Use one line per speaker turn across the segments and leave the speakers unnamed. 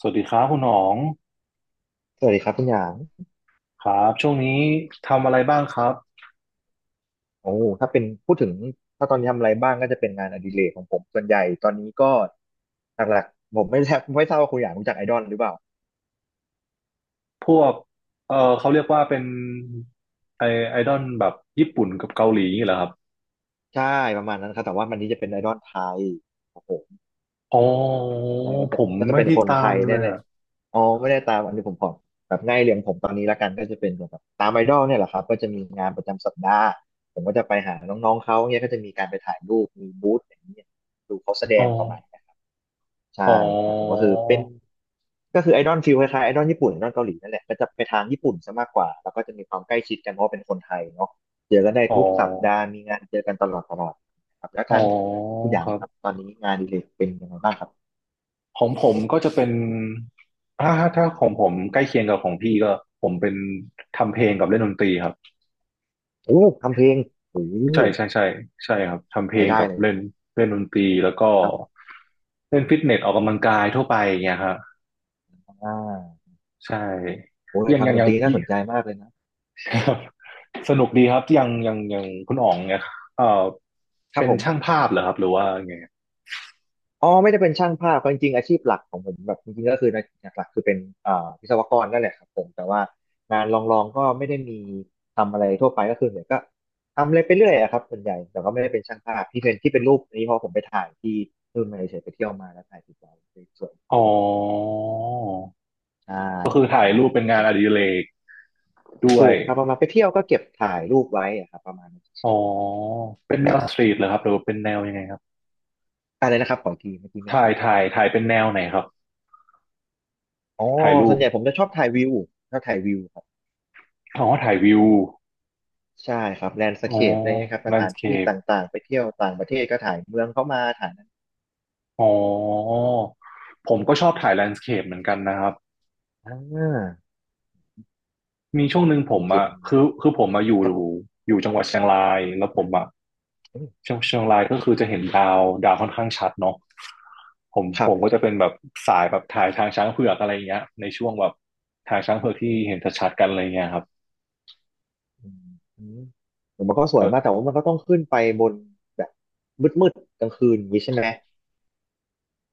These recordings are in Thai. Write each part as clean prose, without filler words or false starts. สวัสดีครับคุณหนอง
สวัสดีครับคุณหยาง
ครับช่วงนี้ทำอะไรบ้างครับ
โอ้ถ้าเป็นพูดถึงถ้าตอนนี้ทำอะไรบ้างก็จะเป็นงานอดิเรกของผมส่วนใหญ่ตอนนี้ก็หลักๆผมไม่แทบไม่ทราบว่าคุณหยางรู้จักไอดอลหรือเปล่า
พวกเขาเรียกว่าเป็นไอไอดอลแบบญี่ปุ่นกับเกาหลีนี่เหรอครับ
ใช่ประมาณนั้นครับแต่ว่ามันนี้จะเป็นไอดอลไทยครับผม
อ๋อ
ใช่ก็จะ
ผม
ก็จะ
ไม่
เป็น
ได้
คน
ตา
ไท
ม
ย
เล
เนี่ย
ย
แหละ
อะ
อ๋อไม่ได้ตามอันนี้ผมขอแบบง่ายเรียงผมตอนนี้ละกันก็จะเป็นแบบตามไอดอลเนี่ยแหละครับก็จะมีงานประจำสัปดาห์ผมก็จะไปหาน้องๆเขาเนี่ยก็จะมีการไปถ่ายรูปมีบูธอย่างนี้ยดูเขาแสด
อ๋อ
งประมาณ ใช่
อ๋อ
ครับผมก็คือเป็นก็คือไอดอลฟิลคล้ายๆไอดอลญี่ปุ่นไอดอลเกาหลีนั่นแหละก็จะไปทางญี่ปุ่นซะมากกว่าแล้วก็จะมีความใกล้ชิดกันเพราะว่าเป็นคนไทยเนาะเจอกันได้
อ๋อ
ทุกสัปดาห์มีงานเจอกันตลอดตลอดครับแล้ว
อ๋อ
ทางคุณหยา
ค
ง
รับ
ครับตอนนี้งานอดิเรกเป็นยังไงบ้างครับ
ของผมก็จะเป็นถ้าของผมใกล้เคียงกับของพี่ก็ผมเป็นทำเพลงกับเล่นดนตรีครับ
โอ้ทำเพลงโอ้
ใช่ใช่ใช่ใช่ครับทำเพล
ราย
ง
ได้
กับ
เลย
เล่นเล่นดนตรีแล้วก็
ครับผม
เล่นฟิตเนสออกกำลังกายทั่วไปอย่างเงี้ยครับ
อ่า
ใช่
โอ้ย
ยังยั
ทำ
ง
ดน
ยั
ต
ง
รีน่าสนใจมากเลยนะ
ครับ สนุกดีครับยังยังยังคุณอ๋องเนี่ยเอ่อ
ครับ
เป็น
ผม
ช่างภาพเหรอครับหรือว่าไง
อ๋อไม่ได้เป็นช่างภาพจริงๆอาชีพหลักของผมแบบจริงๆก็คือนะหลักๆคือเป็นวิศวกรนั่นแหละครับผมแต่ว่างานลองๆก็ไม่ได้มีทำอะไรทั่วไปก็คือเนี่ยก็ทำอะไรไปเรื่อยอะครับส่วนใหญ่แต่ก็ไม่ได้เป็นช่างภาพที่เป็นรูปนี้เพราะผมไปถ่ายที่นู่นมาเฉยๆไปเที่ยวมาแล้วถ่ายติดไวสวย
อ๋อ
ๆใช่
ก็คือ
ค
ถ่า
รั
ย
บ
รูปเป็น
ผ
งานอดิ
ม
เรกด้ว
ถู
ย
กครับประมาณไปเที่ยวก็เก็บถ่ายรูปไว้อะครับประมาณนั้นเฉ
อ๋อ
ย
เป็นแนวสตรีทเหรอครับหรือว่าเป็นแนวยังไงครับ
ๆอะไรนะครับขออีกทีเมื่อกี้ไม่ชัด
ถ่ายเป็นแนวไหนครับ
อ๋อ
ถ่ายรู
ส่ว
ป
นใหญ่ผมจะชอบถ่ายวิวชอบถ่ายวิว
อ๋อถ่ายวิว
ใช่ครับแลนด์ส
อ๋อ
เคปอะไรเงี้ยครับส
แลน
ถา
ด์ส
น
เค
ที่
ป
ต่างๆไปเที่ยวต่างประเทศก็ถ่ายเมืองเข้ามาถ่ายนั้น
อ๋อผมก็ชอบถ่ายแลนด์สเคปเหมือนกันนะครับ
อ่า
มีช่วงหนึ่งผ
ส
ม
เคป
อ่ะ
มัน
คือผมมาอยู่
ครับ
อยู่จังหวัดเชียงราย แล้วผมอ่ะ
เอ้ย
เชียงรายก็คือจะเห็นดาวค่อนข้างชัดเนาะผม
ค
ผ
รับ
มก็จะเป็นแบบสายแบบถ่ายทางช้างเผือกอะไรเงี้ย ในช่วงแบบทางช้างเผือกที่เห็นชัดๆกันอะไรเงี้ยครับ
อืมอืมผมมันก็สวยมากแต่ว่ามันก็ต้องขึ้นไปบนแบบมืดๆกลางคืนอย่างนี้ใช่ไหม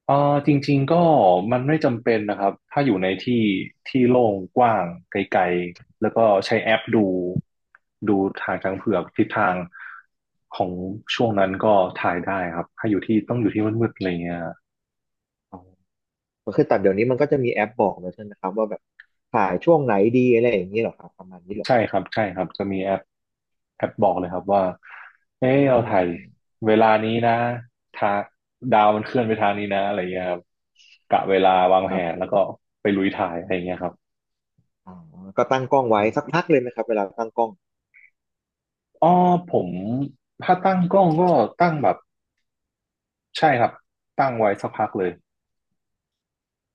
จริงๆก็มันไม่จำเป็นนะครับถ้าอยู่ในที่ที่โล่งกว้างไกลๆแล้วก็ใช้แอปดูทางช้างเผือกทิศทางของช่วงนั้นก็ถ่ายได้ครับถ้าอยู่ที่ต้องอยู่ที่มืดๆอะไรเงี้ย
อ๋อมัคือแต่เดี๋ยวนี้มันก็จะมีแอปบอกเลยใช่ไหมครับว่าแบบถ่ายช่วงไหนดีอะไรอย่างนี้เหรอครับประมาณนี้เหรอ
ใช่ครับใช่ครับจะมีแอปบอกเลยครับว่าเอ้
อืม
เรา
อืม
ถ่า
อื
ย
มอืม
เวลานี้นะทางดาวมันเคลื่อนไปทางนี้นะอะไรเงี้ยครับกะเวลาวาง
ค
แผ
รับ
นแล้วก็ไปลุยถ่ายอะไรเงี้ยครับ
อ๋อก็ตั้งกล้องไว้สักพักเลยไหมครับเวลาตั้งกล้อง
อ๋อผมถ้าตั้งกล้องก็ตั้งแบบใช่ครับตั้งไว้สักพักเลย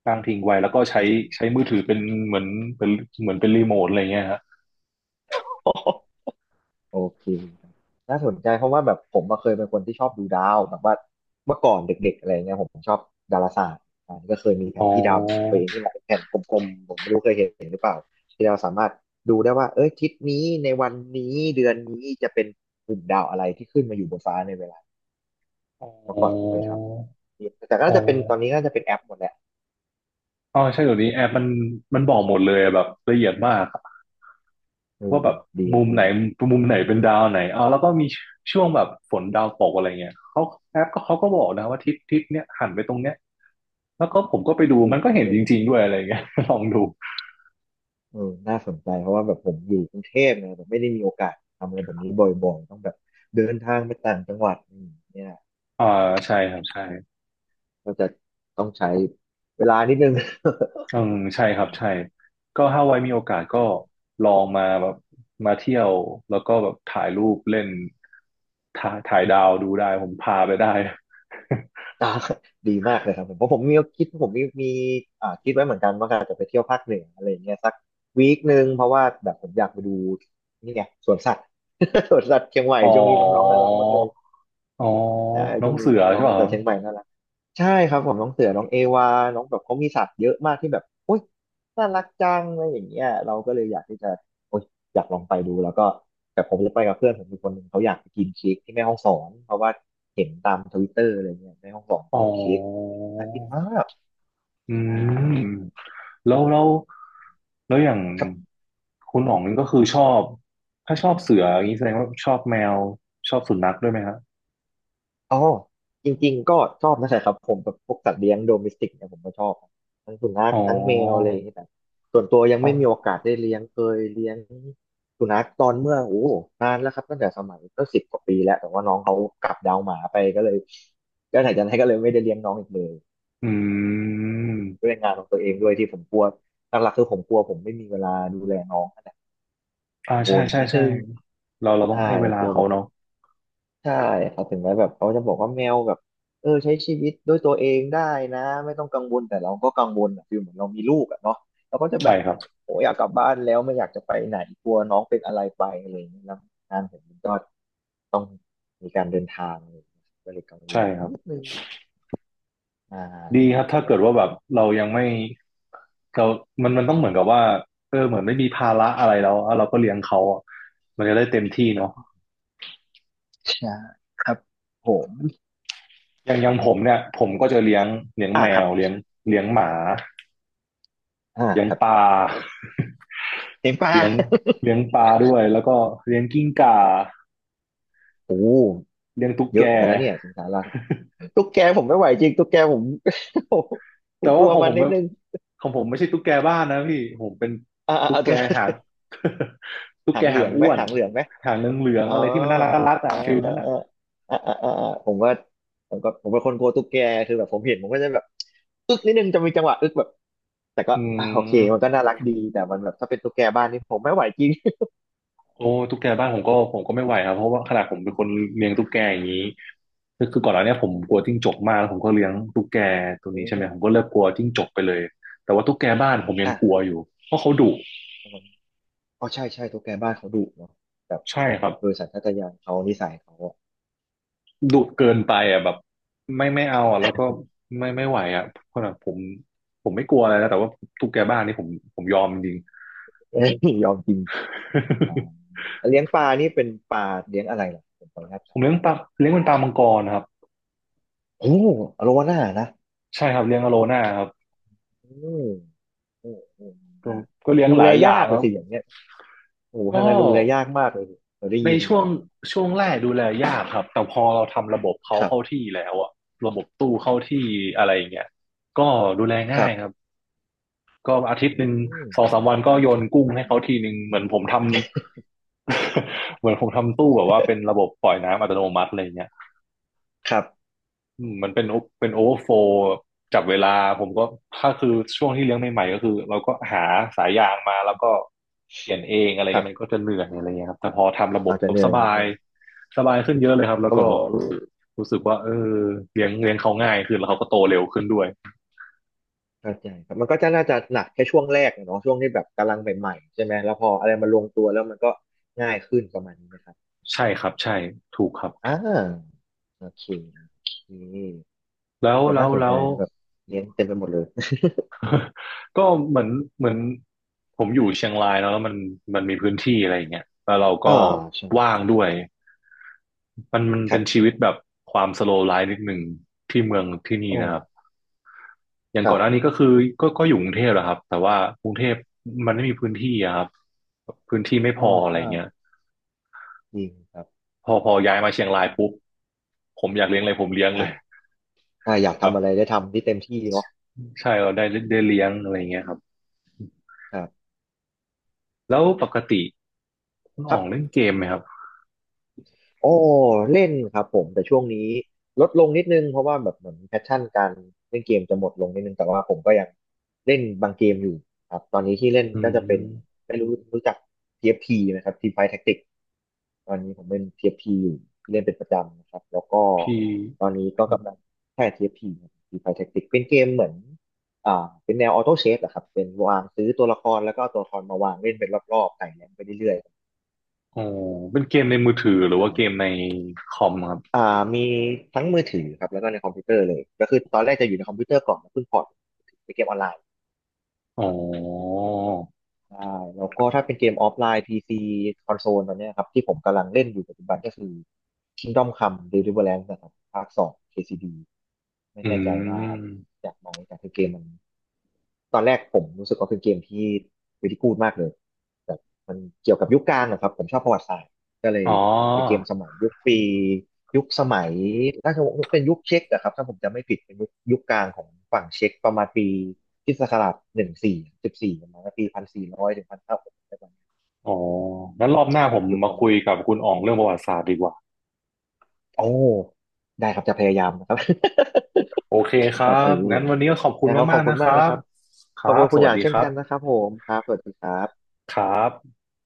ตั้
อ๋
ง
อ
ทิ้งไว้
โอ
แล้วก็
เค
ใช้มือถือเป็นเหมือนเป็นเหมือนเป็นรีโมทอะไรเงี้ยฮะ
โอเคครับน่าสนใจเพราะว่าแบบผมอะเคยเป็นคนที่ชอบดูดาวแบบว่าเมื่อก่อนเด็กๆอะไรเงี้ยผมชอบดาราศาสตร์อ่าก็เคยมีแผ
อ๋อ
นที่ดาวของตัวเองที่มันเป็นแผ่นกลมๆผมไม่รู้เคยเห็นหรือเปล่าที่เราสามารถดูได้ว่าเอ้ยทิศนี้ในวันนี้เดือนนี้จะเป็นกลุ่มดาวอะไรที่ขึ้นมาอยู่บนฟ้าในเวลา
อ๋
เมื่อก่อน
อ
เคยทำอยู่แต่ก็
อ๋อ
น่าจะเป็นตอนนี้ก็น่าจะเป็นแอปหมดแหละ
อ๋อใช่เดี๋ยวนี้แอ
อ่
ปมัน
า
มันบอกหมดเลยอะแบบละเอียดมากอะ
เอ
ว่า
อ
แบบ
ดี
มุ
ละ
ม
ดี
ไหน
ละ
มุมไหนเป็นดาวไหนอ๋อแล้วก็มีช่วงแบบฝนดาวตกอะไรเงี้ยเขาแอปก็เขาก็บอกนะว่าทิศเนี้ยหันไปตรงเนี้ยแล้วก็ผมก็ไปดู
อื
มันก็
ม
เห็นจริงๆด้วยอะไรเงี้ย ลองดู
เออน่าสนใจเพราะว่าแบบผมอยู่กรุงเทพไงแบบไม่ได้มีโอกาสทำอะไรแบบนี้บ่อยๆต้องแบบเดินทางไปต่างจังหวัดอืมเนี่ย
อ่าใช่ครับใช่
ก็จะต้องใช้เวลานิดนึง
อืมใช่ค รับ
นะ
ใช่ก็ถ้าไว้มีโอกาสก็
อืม
ลองมาแบบมาเที่ยวแล้วก็แบบถ่ายรูปเล่นถ่ายดาวดูได้ผมพาไปได้
อ่าดีมากเลยครับผมเพราะผมมีอ่าคิดไว้เหมือนกันว่าอาจจะไปเที่ยวภาคเหนืออะไรอย่างเงี้ยสักวีคหนึ่งเพราะว่าแบบผมอยากไปดูนี่ไงสวนสัตว์ สวนสัตว์เชียงใหม่
อ๋อ
ช่วงนี้น้องๆน่ารักมากเลย
อ๋อ
ได้
น้อ
ช่
ง
วงนี้
เสือ
น้อ
ใช่
ง
ป่ะ
ๆ
ค
แต่
รับ
เชียงใหม่น่ารักใช่ครับผมน้องเสือน้องเอวาน้องแบบเขามีสัตว์เยอะมากที่แบบโอ๊ยน่ารักจังอะไรอย่างเงี้ยเราก็เลยอยากที่จะโอ๊ยอยากลองไปดูแล้วก็แต่ผมจะไปกับเพื่อนผมอีกคนหนึ่งเขาอยากไปกินเค้กที่แม่ฮ่องสอนเพราะว่าเห็นตามทวิตเตอร์อะไรเงี้ยแม่ฮ่องสอนคื
อ๋
อ
อ
แบบเค้กน่ากินมาก
อื
ใช่
มแล้วแล้วแล้วอย่างคุณหน่องนี่ก็คือชอบถ้าชอบเสืออย่างนี้แสดงว่าชอบแมวชอบสุนัขด้วยไหมครับ
อ๋อจริงๆก็ชอบนะใช่ครับผมแบบพวกสัตว์เลี้ยงโดเมสติกเนี่ยผมก็ชอบทั้งสุนัข
อ๋อ
ทั้งแมวอะไรอย่างเงี้ยแต่ส่วนตัวยัง
อ๋อ
ไม่มีโอกาสได้เลี้ยงเคยเลี้ยงสุนัขตอนเมื่อโอ้โหนานแล้วครับตั้งแต่สมัยก็สิบกว่าปีแล้วแต่ว่าน้องเขากลับดาวหมาไปก็เลยก็ไหนจากนั้นก็เลยไม่ได้เลี้ยงน้องอีกเลย
อื
ด้
ม
วยงานของตัวเองด้วยที่ผมกลัวหลักๆคือผมกลัวผมไม่มีเวลาดูแลน้อง
อ่า
กังว
ใช่
ล
ใช่
นิด
ใช่
นึง
เราต้อง
ใช่
ให้เวลา
กลัวแบ
เขา
บ
เนาะ
ใช่ครับถึงแม้แบบเขาจะบอกว่าแมวแบบใช้ชีวิตด้วยตัวเองได้นะไม่ต้องกังวลแต่เราก็กังวลอะฟิลเหมือนเรามีลูกอะเนาะเราก็จะแบ
ใช่
บ
ครับ
โอ้อยากกลับบ้านแล้วไม่อยากจะไปไหนกลัวน้องเป็นอะไรไปอะไรอย่างเงี้ยแล้วงานผมมันก็มีการเดินทางอะไรอย่างเงี้ยก็เลยกังว
ใช่
ล
ครับ
นิดนึงใช่
ดี
ค
ครั
รั
บ
บผ
ถ้าเกิด
ม
ว่าแบบเรายังไม่เรามันต้องเหมือนกับว่าเออเหมือนไม่มีภาระอะไรแล้วแล้วเราก็เลี้ยงเขาอะมันจะได้เต็มที่เนาะ
ใช่ครับผม
อย่างผมเนี่ยผมก็จะเลี้ยง
อ่า
แม
ครั
ว
บ
เลี้ยงหมา
อ่า
เลี้ยง
ครับ
ปลา
เต็มป ลา
เลี้ยงเลี้ยงปลาด้วยแล้วก็เลี้ยงกิ้งก่า
โอ้
เลี้ยงตุ๊ก
เย
แก
อะเหมือนกันนะเนี่ยสิงสาราตุ๊กแกผมไม่ไหวจริงตุ๊กแกผม ผ
แต่
มก
ว่า
ลัว
ของ
มั
ผ
น
ม
นิด
มัน
นึง
ของผมไม่ใช่ตุ๊กแกบ้านนะพี่ผมเป็น
อ่า
ตุ๊ก
อ่า
แกหาง ตุ๊ก
หา
แก
งเหลื
หาง
องไหม
อ้วน
หางเหลืองไหม
หางเหลือง
อ๋
ๆ
อ
อะไรที่มันน่ารักอะ
อ่า
ฟิล
อ่า
นั้นอะ
อ่าอ่าอ่าอ่าอ่าผมว่าผมก็ผมเป็นคนกลัวตุ๊กแกคือแบบผมเห็นผมก็จะแบบอึกนิดนึงจะมีจังหวะอึกแบบแต่ก็
อื
โอเคมันก็
ม
น่ารักดีแต่มันแบบถ้าเป็นตุ๊กแกบ้านนี่ผมไม่ไหวจริง
โอ้ตุ๊กแกบ้านผมก็ไม่ไหวครับเพราะว่าขนาดผมเป็นคนเลี้ยงตุ๊กแกอย่างนี้คือก่อนหน้าเนี้ยผ ม
อื
กลัว
ม
จิ้งจกมากแล้วผมก็เลี้ยงตุ๊กแกตัว
โอ้
นี้ใช่ไหมผมก็เลิกกลัวจิ้งจกไปเลยแต่ว่าตุ๊กแกบ้านผมยัง
อ่ะ
กลัวอ
ค
ยู่เพราะเขาดุ
รับผมอ๋อใช่ใช่ตุ๊กแกบ้านเขาดุเนาะแบบ
ใช่ครับ
โดยสัญชาตญาณเขานิสัยเขาอ่ะ
ดุเกินไป
อื
อ่ะแบบ
ม
ไม่เอาอ่ะแล้วก็ไม่ไหวอ่ะเพราะแบบผมไม่กลัวอะไรนะแต่ว่าตุ๊กแกบ้านนี่ผมยอมจริงๆ
เอ้ยยอมกินอ่าแล้วเลี้ยงปลานี่เป็นปลาเลี้ยงอะไรล่ะผมขออนุญาต
ผ
ถาม
มเลี้ยงปลาเลี้ยงเป็นปลามังกรครับ
โอ้อโลวาน่านะ
ใช่ครับเลี้ยงอโลน่าครับ
อืม เออเออ
ก็
นะ
ก็เลี้ยง
ดู
หลา
แล
ยอ
ยา
ย่าง
กเล
ค
ย
รับ
สิอย่างเงี้ยโอ้โห
ก็
ทางการดูแลยากมากเลยเราได้
ใน
ยิน
ช่วง
มา
ช่วงแรกดูแลยากครับแต่พอเราทำระบบเขา
ครั
เข้า
บ
ที่แล้วอ่ะระบบตู้เข้าที่อะไรอย่างเงี้ยก็ดูแล
ค
ง่า
รั
ย
บ
ครับก็อาทิต
อื
ย์หนึ่ง
ม
สองสามวันก็โยนกุ้งให้เขาทีหนึ่งเหมือนผมทำ เหมือนผมทำตู้แบบว่าเป็นระบบปล่อยน้ำอัตโนมัติอะไรเงี้ย
ครับ
อืมมันเป็นโอเป็นโอเวอร์โฟลจับเวลาผมก็ถ้าคือช่วงที่เลี้ยง
อ
ให
ม
ม่ๆก็คือเราก็หาสายยางมาแล้วก็เปลี่ยนเองอะไร
ครั
เงี้ยมันก็
บ
จะเหนื่อยอะไรเงี้ยครับแต่พอทำระบ
เรา
บ
จะ
ปุ๊
เห
บ
นื่
ส
อย
บา
นิด
ย
นึง
สบายขึ้นเยอะเลยครับแล้
ก็
ว
เห
ก็
มือนกัน
รู้สึกว่าเออเลี้ยงเลี้ยงเขาง่ายขึ้นแล้วเขาก็โตเร็วขึ้นด้วย
เข้าใจครับมันก็จะน่าจะหนักแค่ช่วงแรกอะเนาะช่วงที่แบบกำลังใหม่ๆใช่ไหมแล้วพออะไรมันลงตัวแล้วมันก็ง่ายขึ้นประมาณนี้นะครับ
ใช่ครับใช่ถูกครับ
อ่าโอเคโอเ
แล้
ค
ว
แต่
แล้
น่า
ว
สน
แล้
ใจ
ว
นะแบบเลี้ยงเต็มไปหมดเลย
ก็เหมือนเหมือนผมอยู่เชียงรายเนอะแล้วมันมีพื้นที่อะไรอย่างเงี้ยแล้วเรา ก็
อ่าใช่
ว่างด้วยมัน
ค
เป็
รั
นชี
บ
วิตแบบความสโลว์ไลฟ์นิดหนึ่งที่เมืองที่นี่
โอ้
นะครับอย่าง
ค
ก่
รั
อนหน้านี้
บ
ก็คือก็อยู่กรุงเทพแหละครับแต่ว่ากรุงเทพมันไม่มีพื้นที่อะครับพื้นที่ไม่พ
อ๋อ
ออะไร
ใช่
เงี้ย
จริงครับ
พอย้ายมาเชียงราย
แบ
ปุ๊บ
บ
ผมอยากเลี้ยงอะไรผมเลี้ยงเลย
อ่า อ่าอยาก
แบบ
ทำอะไรได้ทำที่เต็มที่เนาะ
ใช่เราได้ได้เลี้ยงอะไรเงี้ยครับ
ครับ
แล้วปกติคุณ
ค
อ๋
รั
องเล่น
บ
เกมไหมครับ
โอ้เล่นครับผมแต่ช่วงนี้ลดลงนิดนึงเพราะว่าแบบเหมือนแพชชั่นการเล่นเกมจะหมดลงนิดนึงแต่ว่าผมก็ยังเล่นบางเกมอยู่ครับตอนนี้ที่เล่น
อื
ก็จะเป็น
ม
ไม่รู้รู้จัก TFT ไหมครับ Team Fight Tactics ตอนนี้ผมเล่น TFT อฟทีอยู่ที่เล่นเป็นประจำนะครับแล้วก็
พี่
ตอนนี้ก็กำลังแค่ TFT ครับ Team Fight Tactics เป็นเกมเหมือนเป็นแนวออโต้เชฟอะครับเป็นวางซื้อตัวละครแล้วก็เอาตัวละครมาวางเล่นเป็นรอบๆไต่แรงไปเรื่อย
อ๋อเป็นเกมในมือถือหรือว่าเกม
ๆ
ในคอมครับ
อ่ามีทั้งมือถือครับแล้วก็ในคอมพิวเตอร์เลยก็คือตอนแรกจะอยู่ในคอมพิวเตอร์ก่อนแล้วเพิ่งพอร์ตไปเกมออนไลน์
อ๋อ
ครับใช่แล้วก็ถ้าเป็นเกมออฟไลน์ PC คอนโซลตอนเนี้ยครับที่ผมกำลังเล่นอยู่ปัจจุบันก็คือ Kingdom Come Deliverance นะครับภาคสอง KCD ไม่
อื
แน่ใจว่า
ม
จากไหมแต่คือเกมมันตอนแรกผมรู้สึกว่าเป็นเกมที่ r ิ a ีกูดมากเลยแต่มันเกี่ยวกับยุคกลางนะครับผมชอบประวัติศาสตร์ก็เล
อ๋
ย
อ
เป็นเกมสมัยยุคปียุคสมัยถ้าจะบอกว่าเป็นยุคเช็กอะครับถ้าผมจำไม่ผิดเป็นยุคยุคกลางของฝั่งเช็กประมาณปีคริสตศักราช1414ประมาณปี1,400ถึง1,500ประมาณ
อ๋องั้นรอบหน้าผ
เป็น
ม
ยุค
มา
ประมา
คุ
ณ
ยกับคุณอ๋องเรื่องประวัติศาสตร์ดีกว่า
โอ้ได้ครับจะพยายามนะครับ
โอเคค
โอ
รั
เค
บ งั้นวันนี้ก็ขอบคุณ
นะครับขอ
มาก
บ
ๆ
คุณ
นะค
มาก
รั
นะค
บ
รับ
ค
ขอบ
รั
คุ
บ
ณ
ส
คุณอ
วัส
ย่าง
ดี
เช่
ค
น
รั
กันนะ
บ
ครับผมครับสวัสดีครับ
ครับ